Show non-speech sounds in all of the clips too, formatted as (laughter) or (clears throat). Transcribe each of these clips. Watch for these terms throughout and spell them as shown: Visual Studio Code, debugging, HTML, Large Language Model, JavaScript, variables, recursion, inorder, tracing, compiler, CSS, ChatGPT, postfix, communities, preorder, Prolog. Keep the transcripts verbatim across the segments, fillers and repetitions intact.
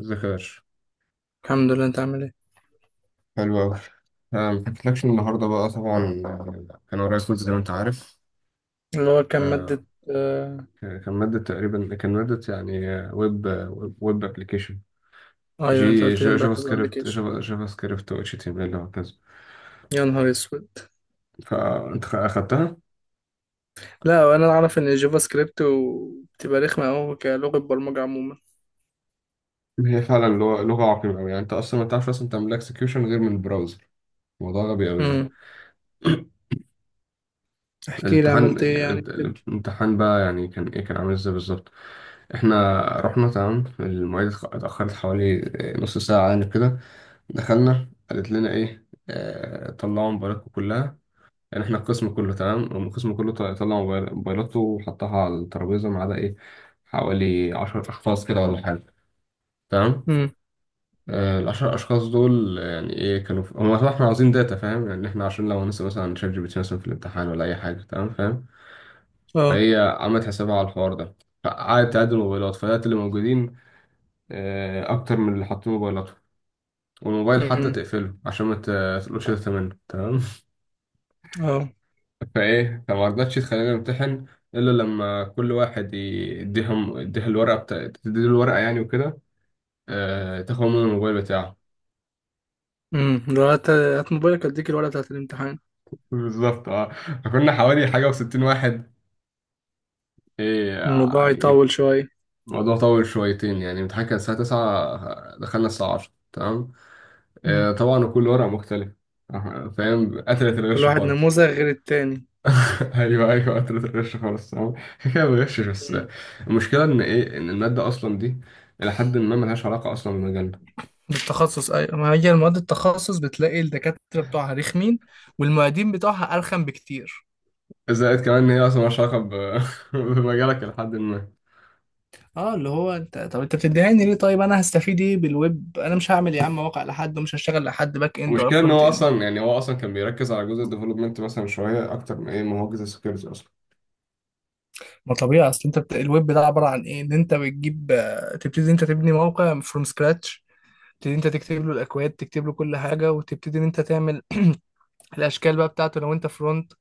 ذكر. الحمد لله، انت عامل ايه؟ حلو أوي. أنا محكيتلكش النهاردة بقى طبعا، آه، كان ورايا كود زي ما أنت عارف. اللي هو كان آه، مادة. آه. ك- كان مادة تقريبا، كان مادة يعني آه، ويب آه، ويب أبلكيشن. ايوه انت جي قلت لي جا- امبارح جافا في سكريبت، الابلكيشن. جافا جافا سكريبت و اتش تي ام ال وهكذا. يا نهار اسود. فأنت خ- أخدتها. لا، وانا اعرف ان الجافا سكريبت و- بتبقى رخمة اوي كلغة برمجة عموما. هي فعلا لغة لغة عقيمة أوي، يعني أنت أصلا ما تعرفش أصلا تعمل اكسكيوشن غير من البراوزر. موضوع غبي أوي يعني. امم. (clears throat) احكي لي الامتحان، عملت ايه يعني يعني كده. الامتحان بقى يعني كان ايه، كان عامل ازاي بالظبط؟ احنا رحنا تمام، المعيدة اتأخرت حوالي نص ساعة يعني كده. دخلنا، قالت لنا ايه، آه طلعوا موبايلاتكم كلها. يعني احنا القسم كله تمام، القسم كله طلع طلع موبايل- موبايلاته وحطها على الترابيزه ما عدا ايه، حوالي عشر اشخاص كده ولا حاجه. تمام. امم. آه العشر اشخاص دول يعني ايه، كانوا في هم، احنا عاوزين داتا، فاهم؟ يعني احنا عشان لو هنسأل مثلا شات جي بي تي مثلا في الامتحان ولا اي حاجه، تمام، فاهم. اه. فهي عملت حسابها على الحوار ده، فقعدت تعد الموبايلات، فلقيت اللي موجودين آه اكتر من اللي حاطين موبايلاتهم، والموبايل حتى امم. تقفله عشان ما ت- تقولوش ده. تمام. اه. فايه، فما رضتش تخلينا نمتحن الا لما كل واحد ي- يديهم، يديها الورقه بتا، تديله الورقه يعني وكده. آه... تاخد منه الموبايل بتاعه. امم. لو هات هات موبايلك اديك الورقة بتاعت الامتحان. (laughs) بالظبط اه. فكنا حوالي حاجه و60 واحد، ايه الموضوع يعني. يطول شوية. الموضوع طول شويتين، يعني الامتحان كان الساعه التاسعة، دخلنا الساعه عشره، تمام. آه... امم. طبعا، وكل ورقه مختلفه، آه، فاهم، قتلت كل الغش واحد خالص. نموذج غير التاني. (laughs) ايوه ايوه قتلت الغش خالص، تمام، كده كده ما بغشش بس. امم. المشكله ان ايه، ان الماده اصلا دي إلى حد ما ملهاش علاقة أصلا بمجالنا. التخصص، ايوه، ما هي المواد التخصص بتلاقي الدكاترة بتوعها رخمين والمعيدين بتوعها ارخم بكتير. زائد كمان ان هي اصلا مالهاش علاقه ب. (laughs) بمجالك لحد ما. اه اللي هو انت، طب انت بتديهاني ليه؟ طيب انا هستفيد ايه بالويب؟ انا مش هعمل يا عم موقع لحد ومش هشتغل لحد باك اند ولا المشكله ان فرونت هو اند. اصلا يعني، هو اصلا كان بيركز على جزء الديفلوبمنت مثلا شويه اكتر من ايه، ما هو جزء السكيورتي اصلا. ما طبيعي، اصل انت بت... الويب ده عباره عن ايه؟ ان انت بتجيب آه، تبتدي انت تبني موقع فروم سكراتش، تبتدي انت تكتب له الاكواد تكتب له كل حاجه وتبتدي ان انت تعمل (clears throat) الاشكال بقى بتاعته لو انت فرونت،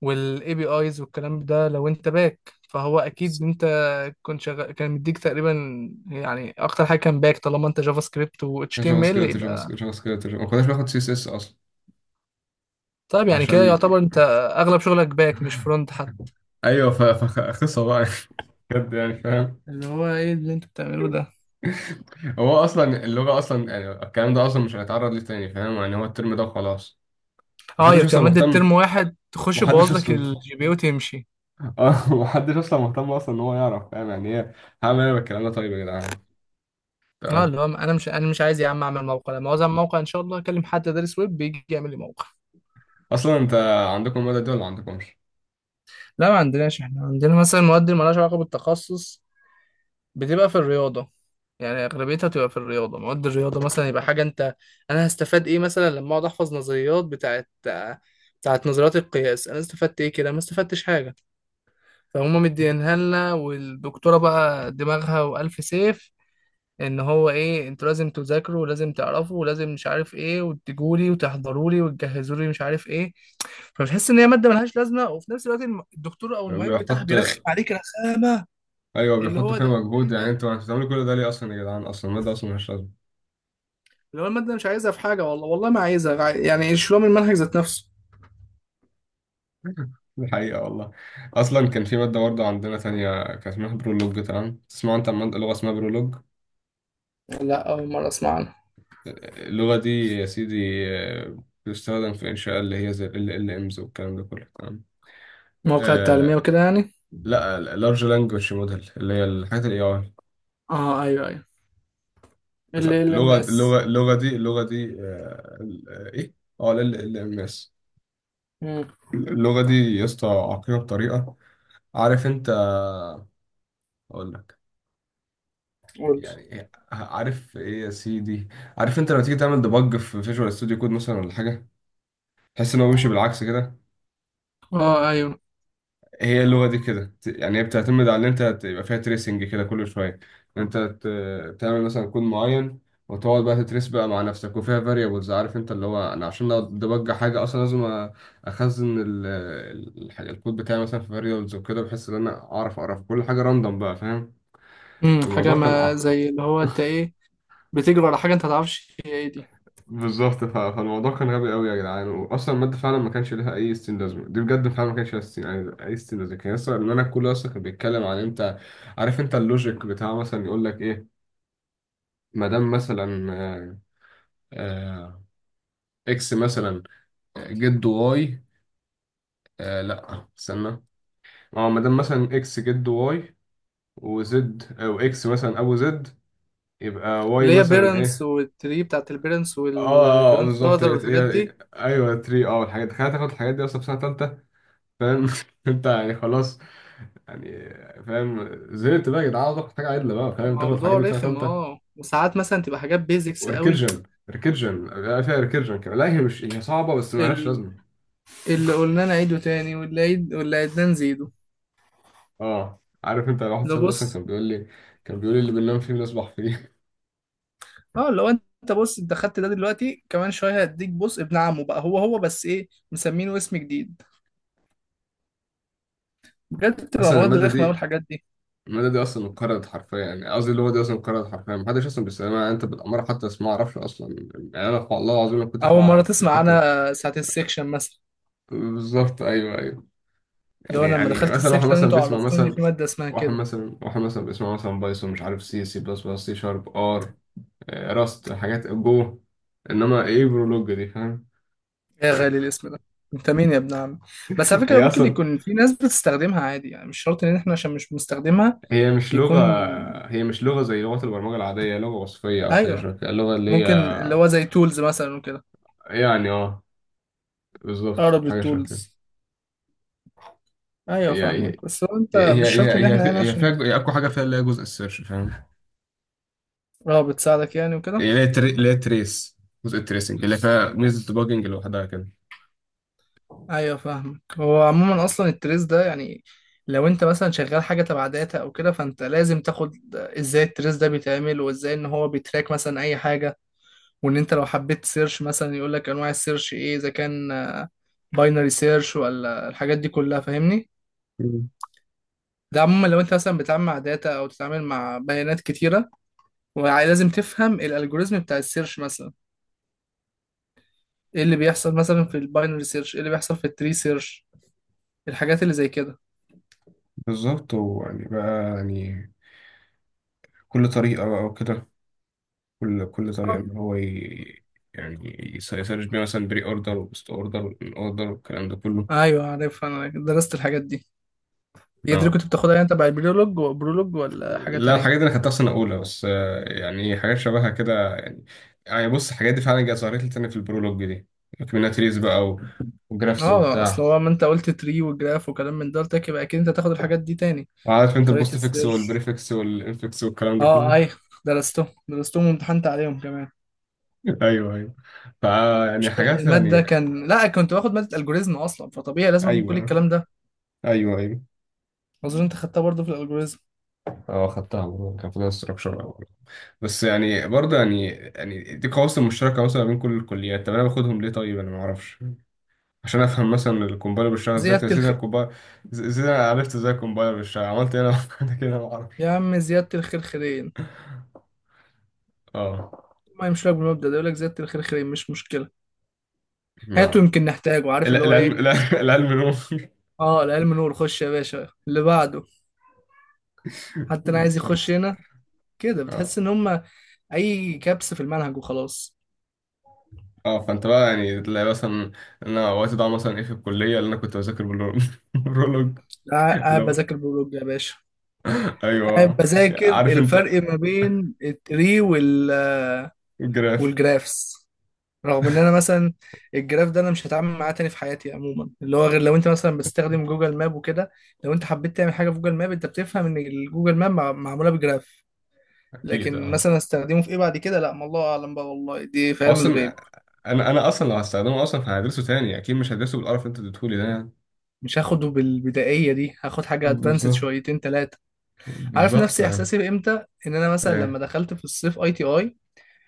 والاي بي ايز والكلام ده لو انت باك، فهو اكيد انت كنت شغال. كان مديك تقريبا يعني اكتر حاجه كان باك طالما انت جافا سكريبت و اتش كان تي جافا ام سكريبت، ال. جافا سكريبت جافا سكريبت جافا- ما كناش بناخد سي اس اس اصلا. طيب يعني كده عشان يعتبر انت اغلب شغلك باك مش (laughs) فرونت حتى. ايوه، ف- فقصه بقى. (laughs) بجد يعني فاهم. اللي هو ايه اللي انتوا بتعملوه ده؟ هو اصلا اللغه اصلا يعني، الكلام ده اصلا مش هنتعرض ليه تاني، فاهم يعني، هو الترم ده وخلاص، اه هي محدش بتبقى اصلا مادة مهتم. ترم واحد تخش محدش يبوظ لك اصلا. الجي (laughs) بي وتمشي. اه محدش اصلا مهتم اصلا ان هو يعرف، فاهم يعني ايه، هعمل ايه بالكلام ده طيب يا جدعان. اه تمام. اللي هو انا مش انا مش عايز يا عم اعمل موقع، لما عاوز اعمل موقع ان شاء الله اكلم حد دارس ويب بيجي يعمل لي موقع. اصلا انت عندكم المادة دي ولا عندكمش؟ لا ما عندناش، احنا عندنا مثلا مواد اللي مالهاش علاقة بالتخصص، بتبقى في الرياضة، يعني اغلبيتها بتبقى في الرياضة. مواد الرياضة مثلا يبقى حاجة انت، انا هستفاد ايه مثلا لما اقعد احفظ نظريات بتاعت بتاعت نظريات القياس؟ انا استفدت ايه كده؟ ما استفدتش حاجة. فهم مدينها لنا والدكتورة بقى دماغها وألف سيف، ان هو ايه انتوا لازم تذاكروا ولازم تعرفوا ولازم مش عارف ايه وتجولي وتحضرولي وتجهزولي مش عارف ايه. فبتحس ان هي مادة ملهاش لازمة وفي نفس الوقت الم- الدكتور او المعيد بتاعها بيحط، بيرخم عليك رخامة. ايوه اللي بيحطوا هو فيها ده، مجهود، ايه يعني ده؟ انتوا انتوا بتعملوا كل ده ليه اصلا يا جدعان، اصلا المادة اصلا مش لازمة. اللي هو المادة مش عايزها في حاجة، والله والله ما عايزها عاي- يعني يشيلوها من المنهج ذات نفسه. (laughs) دي حقيقة والله. اصلا كان في مادة برضه عندنا تانية، كان اسمها برولوج، تمام، تسمع انت عن مادة لغة اسمها برولوج؟ لا، أول مرة أسمع عنها. اللغة دي يا سيدي آه، بتستخدم في إنشاء اللي هي زي ال إل إل إم إس والكلام ده كله، تمام. مواقع التعليمية آه وكده يعني. لا، ال Large Language Model اللي هي الحاجات ال إيه آي. اه ايوه ايوه. ف- ال ال ام لغة اس اللغة اللغة دي اللغة دي آه ال- آه، إيه؟ اه ال إل إل إم إس. اللغة دي يا اسطى عقيمة بطريقة، عارف انت، اقول لك. قول. يعني إيه، عارف ايه يا سيدي، عارف انت لما تيجي تعمل ديبج في فيجوال ستوديو كود مثلا ولا حاجة، تحس ان هو بيمشي بالعكس كده. اه ايوه. هي اللغة دي كده، يعني هي بتعتمد على ان انت تبقى فيها تريسنج كده كل شوية، ان انت ت- تعمل مثلا كود معين، وتقعد بقى تتريس بقى مع نفسك، وفيها فاريبلز، عارف انت، اللي هو انا عشان ادبج حاجة اصلا لازم أ- اخزن ال- ال- الحاجة- الكود بتاعي مثلا في فاريبلز وكده، بحيث ان انا اعرف اعرف كل حاجة راندوم بقى، فاهم. امم. حاجة الموضوع كان ما عق، زي اللي هو انت ايه، بتجري ورا حاجة انت متعرفش هي ايه دي. بالظبط، ف- فالموضوع كان غبي قوي يا جدعان، واصلا الماده فعلا ما كانش لها اي ستين لازمه، دي بجد فعلا ما كانش لها ستين يعني اي ستين لازمه، كان اصلا ان انا، كله اصلا كان بيتكلم عن انت، عارف انت اللوجيك بتاع، مثلا يقول لك ايه، ما دام مثلا آه، آه، اكس مثلا جد واي، آه لا استنى، اه ما دام مثلا اكس جد واي، وزد او اكس مثلا ابو زد، يبقى واي اللي هي مثلا بيرنتس ايه. والتري بتاعت البيرنتس اه آه، آه، والجراند بالظبط، فاذر هي والحاجات هي- دي. ايوه تلاته، اه الحاجات، تخيل تاخد الحاجات دي اصلا في سنه ثالثه. فاهم (laughs) انت، يعني خلاص، يعني فاهم، زهقت بقى يا جدعان، عاوز اخد حاجه عدله بقى، فاهم، تاخد الحاجات الموضوع دي في سنه رخم. ثالثه. اه، وساعات مثلا تبقى حاجات بيزكس قوي. وريكيرجن، ريكيرجن بقى فيها ريكيرجن كمان، لا هي مش، هي صعبه بس مالهاش ال- لازمه. اللي قلنا نعيده تاني واللي عيد واللي عيدناه نزيده. اه عارف انت، واحد ده صاحبي اصلا بص، كان بيقول لي، كان بيقول لي اللي بننام فيه بنصبح فيه. اه لو انت بص انت خدت ده دلوقتي كمان شوية هديك بص ابن عمه، بقى هو هو بس ايه مسمينه اسم جديد. بجد (laughs) بتبقى اصلا مواد الماده رخمة قوي دي، الحاجات دي. الماده دي اصلا انقرضت حرفيا، يعني قصدي اللغه دي اصلا انقرضت حرفيا، محدش اصلا بيستخدمها، يعني انت بالاماره حتى اسمها ما اعرفش اصلا. يعني انا والله العظيم ما كنتش أول عا- مرة ما كنتش تسمع حتى. عنها ساعة السكشن مثلا. بالظبط ايوه ايوه. لو يعني انا لما يعني دخلت مثلا واحد السكشن مثلا انتوا بيسمع عرفتوني ان في مثلا، ماده اسمها واحد كده. مثلا واحد مثلا بيسمع مثلا بايثون، مش عارف، سي سي بلس بلس، سي شارب، ار، آه، راست، حاجات جو، انما ايه برولوج دي، فاهم. يا غالي الاسم ده، انت مين يا ابن عم؟ بس على (laughs) فكره هي ممكن اصلا، يكون في ناس بتستخدمها عادي، يعني مش شرط ان احنا عشان مش بنستخدمها هي مش لغه، يكون. هي مش لغه زي لغه البرمجه العاديه، هي لغه وصفيه او حاجه ايوه، شبه كده، اللغه اللي هي. ممكن اللي هو زي تولز مثلا وكده. يعني اه بالظبط اقرب حاجه شبه كده. للتولز. ايوه هي هي فاهمك، بس هو انت هي مش شرط ان هي هي احنا في- هنا هي فيها عشان. جو- هي اقوى حاجه فيها اللي هي جزء السيرش، فاهم. اه بتساعدك يعني وكده. اللي هي تري- اللي هي تريس، جزء التريسنج اللي فيها ميزه الديباجنج لوحدها. ايوه فاهمك، هو عموما اصلا التريس ده يعني لو انت مثلا شغال حاجه تبع داتا او كده فانت لازم تاخد ازاي التريس ده بيتعمل وازاي ان هو بيتراك مثلا اي حاجه. وان انت لو حبيت سيرش مثلا يقول لك انواع السيرش ايه، اذا كان باينري سيرش ولا الحاجات دي كلها فاهمني. كده، ده عموما لو انت مثلا بتتعامل مع داتا او تتعامل مع بيانات كتيره ولازم تفهم الالجوريزم بتاع السيرش مثلا. ايه اللي بيحصل مثلا في الباينري سيرش؟ ايه اللي بيحصل في التري سيرش؟ الحاجات اللي زي كده. بالظبط، ويعني بقى يعني، كل طريقة بقى وكده، كل كل طريقة أوك. إن هو ي، يعني يس- يسرش بيها مثلا بري أوردر وبوست أوردر أوردر والكلام ده كله. ايوه عارف، انا درست الحاجات دي. هي دي اللي اه كنت بتاخدها يعني تبع البرولوج؟ برولوج ولا حاجه لا، الحاجات تانية؟ دي أنا خدتها في سنة أولى بس، آه، يعني إيه، حاجات شبهها كده يعني. يعني بص الحاجات دي فعلا جت، ظهرت لي تاني في البرولوج دي، كوميونيتيز بقى و، وجرافس اه اصل وبتاع. هو ما انت قلت تري وجراف وكلام من ده، قلت لك يبقى اكيد انت هتاخد الحاجات دي تاني. عارف أنت طريقه البوست فيكس السيرش. والبريفكس والإنفكس والكلام ده اه كله. ايوه. درستهم درستهم وامتحنت عليهم كمان. (laughs) أيوه أيوه فا، يعني مش كان- حاجات المادة يعني، كان لا، كنت باخد مادة الجوريزم اصلا فطبيعي لازم اخد كل أيوه الكلام ده. أيوه أيوه. اظن انت خدتها برضه في الالجوريزم. اه خدتها برضه، كان فيها استراكشر أول، بس يعني برضه يعني يعني دي قواسم مشتركة مثلا بين كل الكليات، طب أنا باخدهم ليه، طيب أنا معرفش. عشان أفهم مثلا الكومبايلر بيشتغل إزاي، طب يا زيادة سيدي أنا الخير. الكومبايلر إزاي، أنا عرفت إزاي الكومبايلر بيشتغل، عملت إيه أنا، (laughs) أنا كده معرفش. يا عم زيادة الخير خيرين، اه ما يمشي لك بالمبدأ ده، يقول لك زيادة الخير خيرين مش مشكلة، هاته نعم. يمكن نحتاجه. عارف ال- اللي هو العلم ايه. الع- (laughs) العلم نور (laughs) اه العلم نور، خش يا باشا اللي بعده. حتى انا عايز يخش بالظبط هنا. كده اه بتحس ان هم اي كبس في المنهج وخلاص. اه، فانت بقى يعني تلاقي مثلا، انا وقت ضاع مثلا ايه في الكليه اللي انا كنت بذاكر بالرول- (laughs) بالرولوج. قاعد اللي قاعد هو بذاكر بيولوجيا يا باشا، قاعد ايوه، بذاكر عارف انت الفرق ما بين التري وال الجراف، والجرافس. رغم ان انا مثلا الجراف ده انا مش هتعامل معاه تاني في حياتي عموما، اللي هو غير لو انت مثلا بتستخدم جوجل ماب وكده. لو انت حبيت تعمل حاجه في جوجل ماب انت بتفهم ان الجوجل ماب مع- معموله بجراف. اكيد لكن اه. مثلا استخدمه في ايه بعد كده؟ لا ما الله اعلم بقى، والله دي في علم الغيب. اصلا انا انا اصلا لو هستخدمه اصلا فهدرسه تاني اكيد، مش هدرسه بالقرف اللي انت اديتهولي ده يعني. مش هاخده بالبدائيه دي، هاخد حاجه ادفانسد بالظبط، شويتين ثلاثه. عارف بالظبط نفسي يعني، احساسي امتى؟ ان انا مثلا لما ايه، دخلت في الصيف آي تي آي،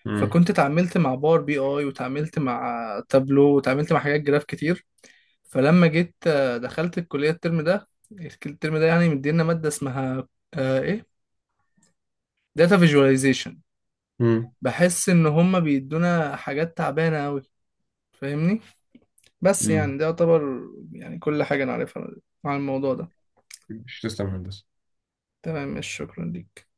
امم، فكنت اتعاملت مع باور بي آي وتعاملت مع تابلو وتعاملت مع حاجات جراف كتير. فلما جيت آه، دخلت الكلية الترم ده. الترم ده يعني مدينا مادة اسمها آه، ايه داتا فيجواليزيشن. امم، بحس ان هما بيدونا حاجات تعبانة قوي، فاهمني. بس امم، يعني ده يعتبر يعني كل حاجة نعرفها عن الموضوع ده. مش تسلم يا هندسة. تمام، مش شكرا ليك.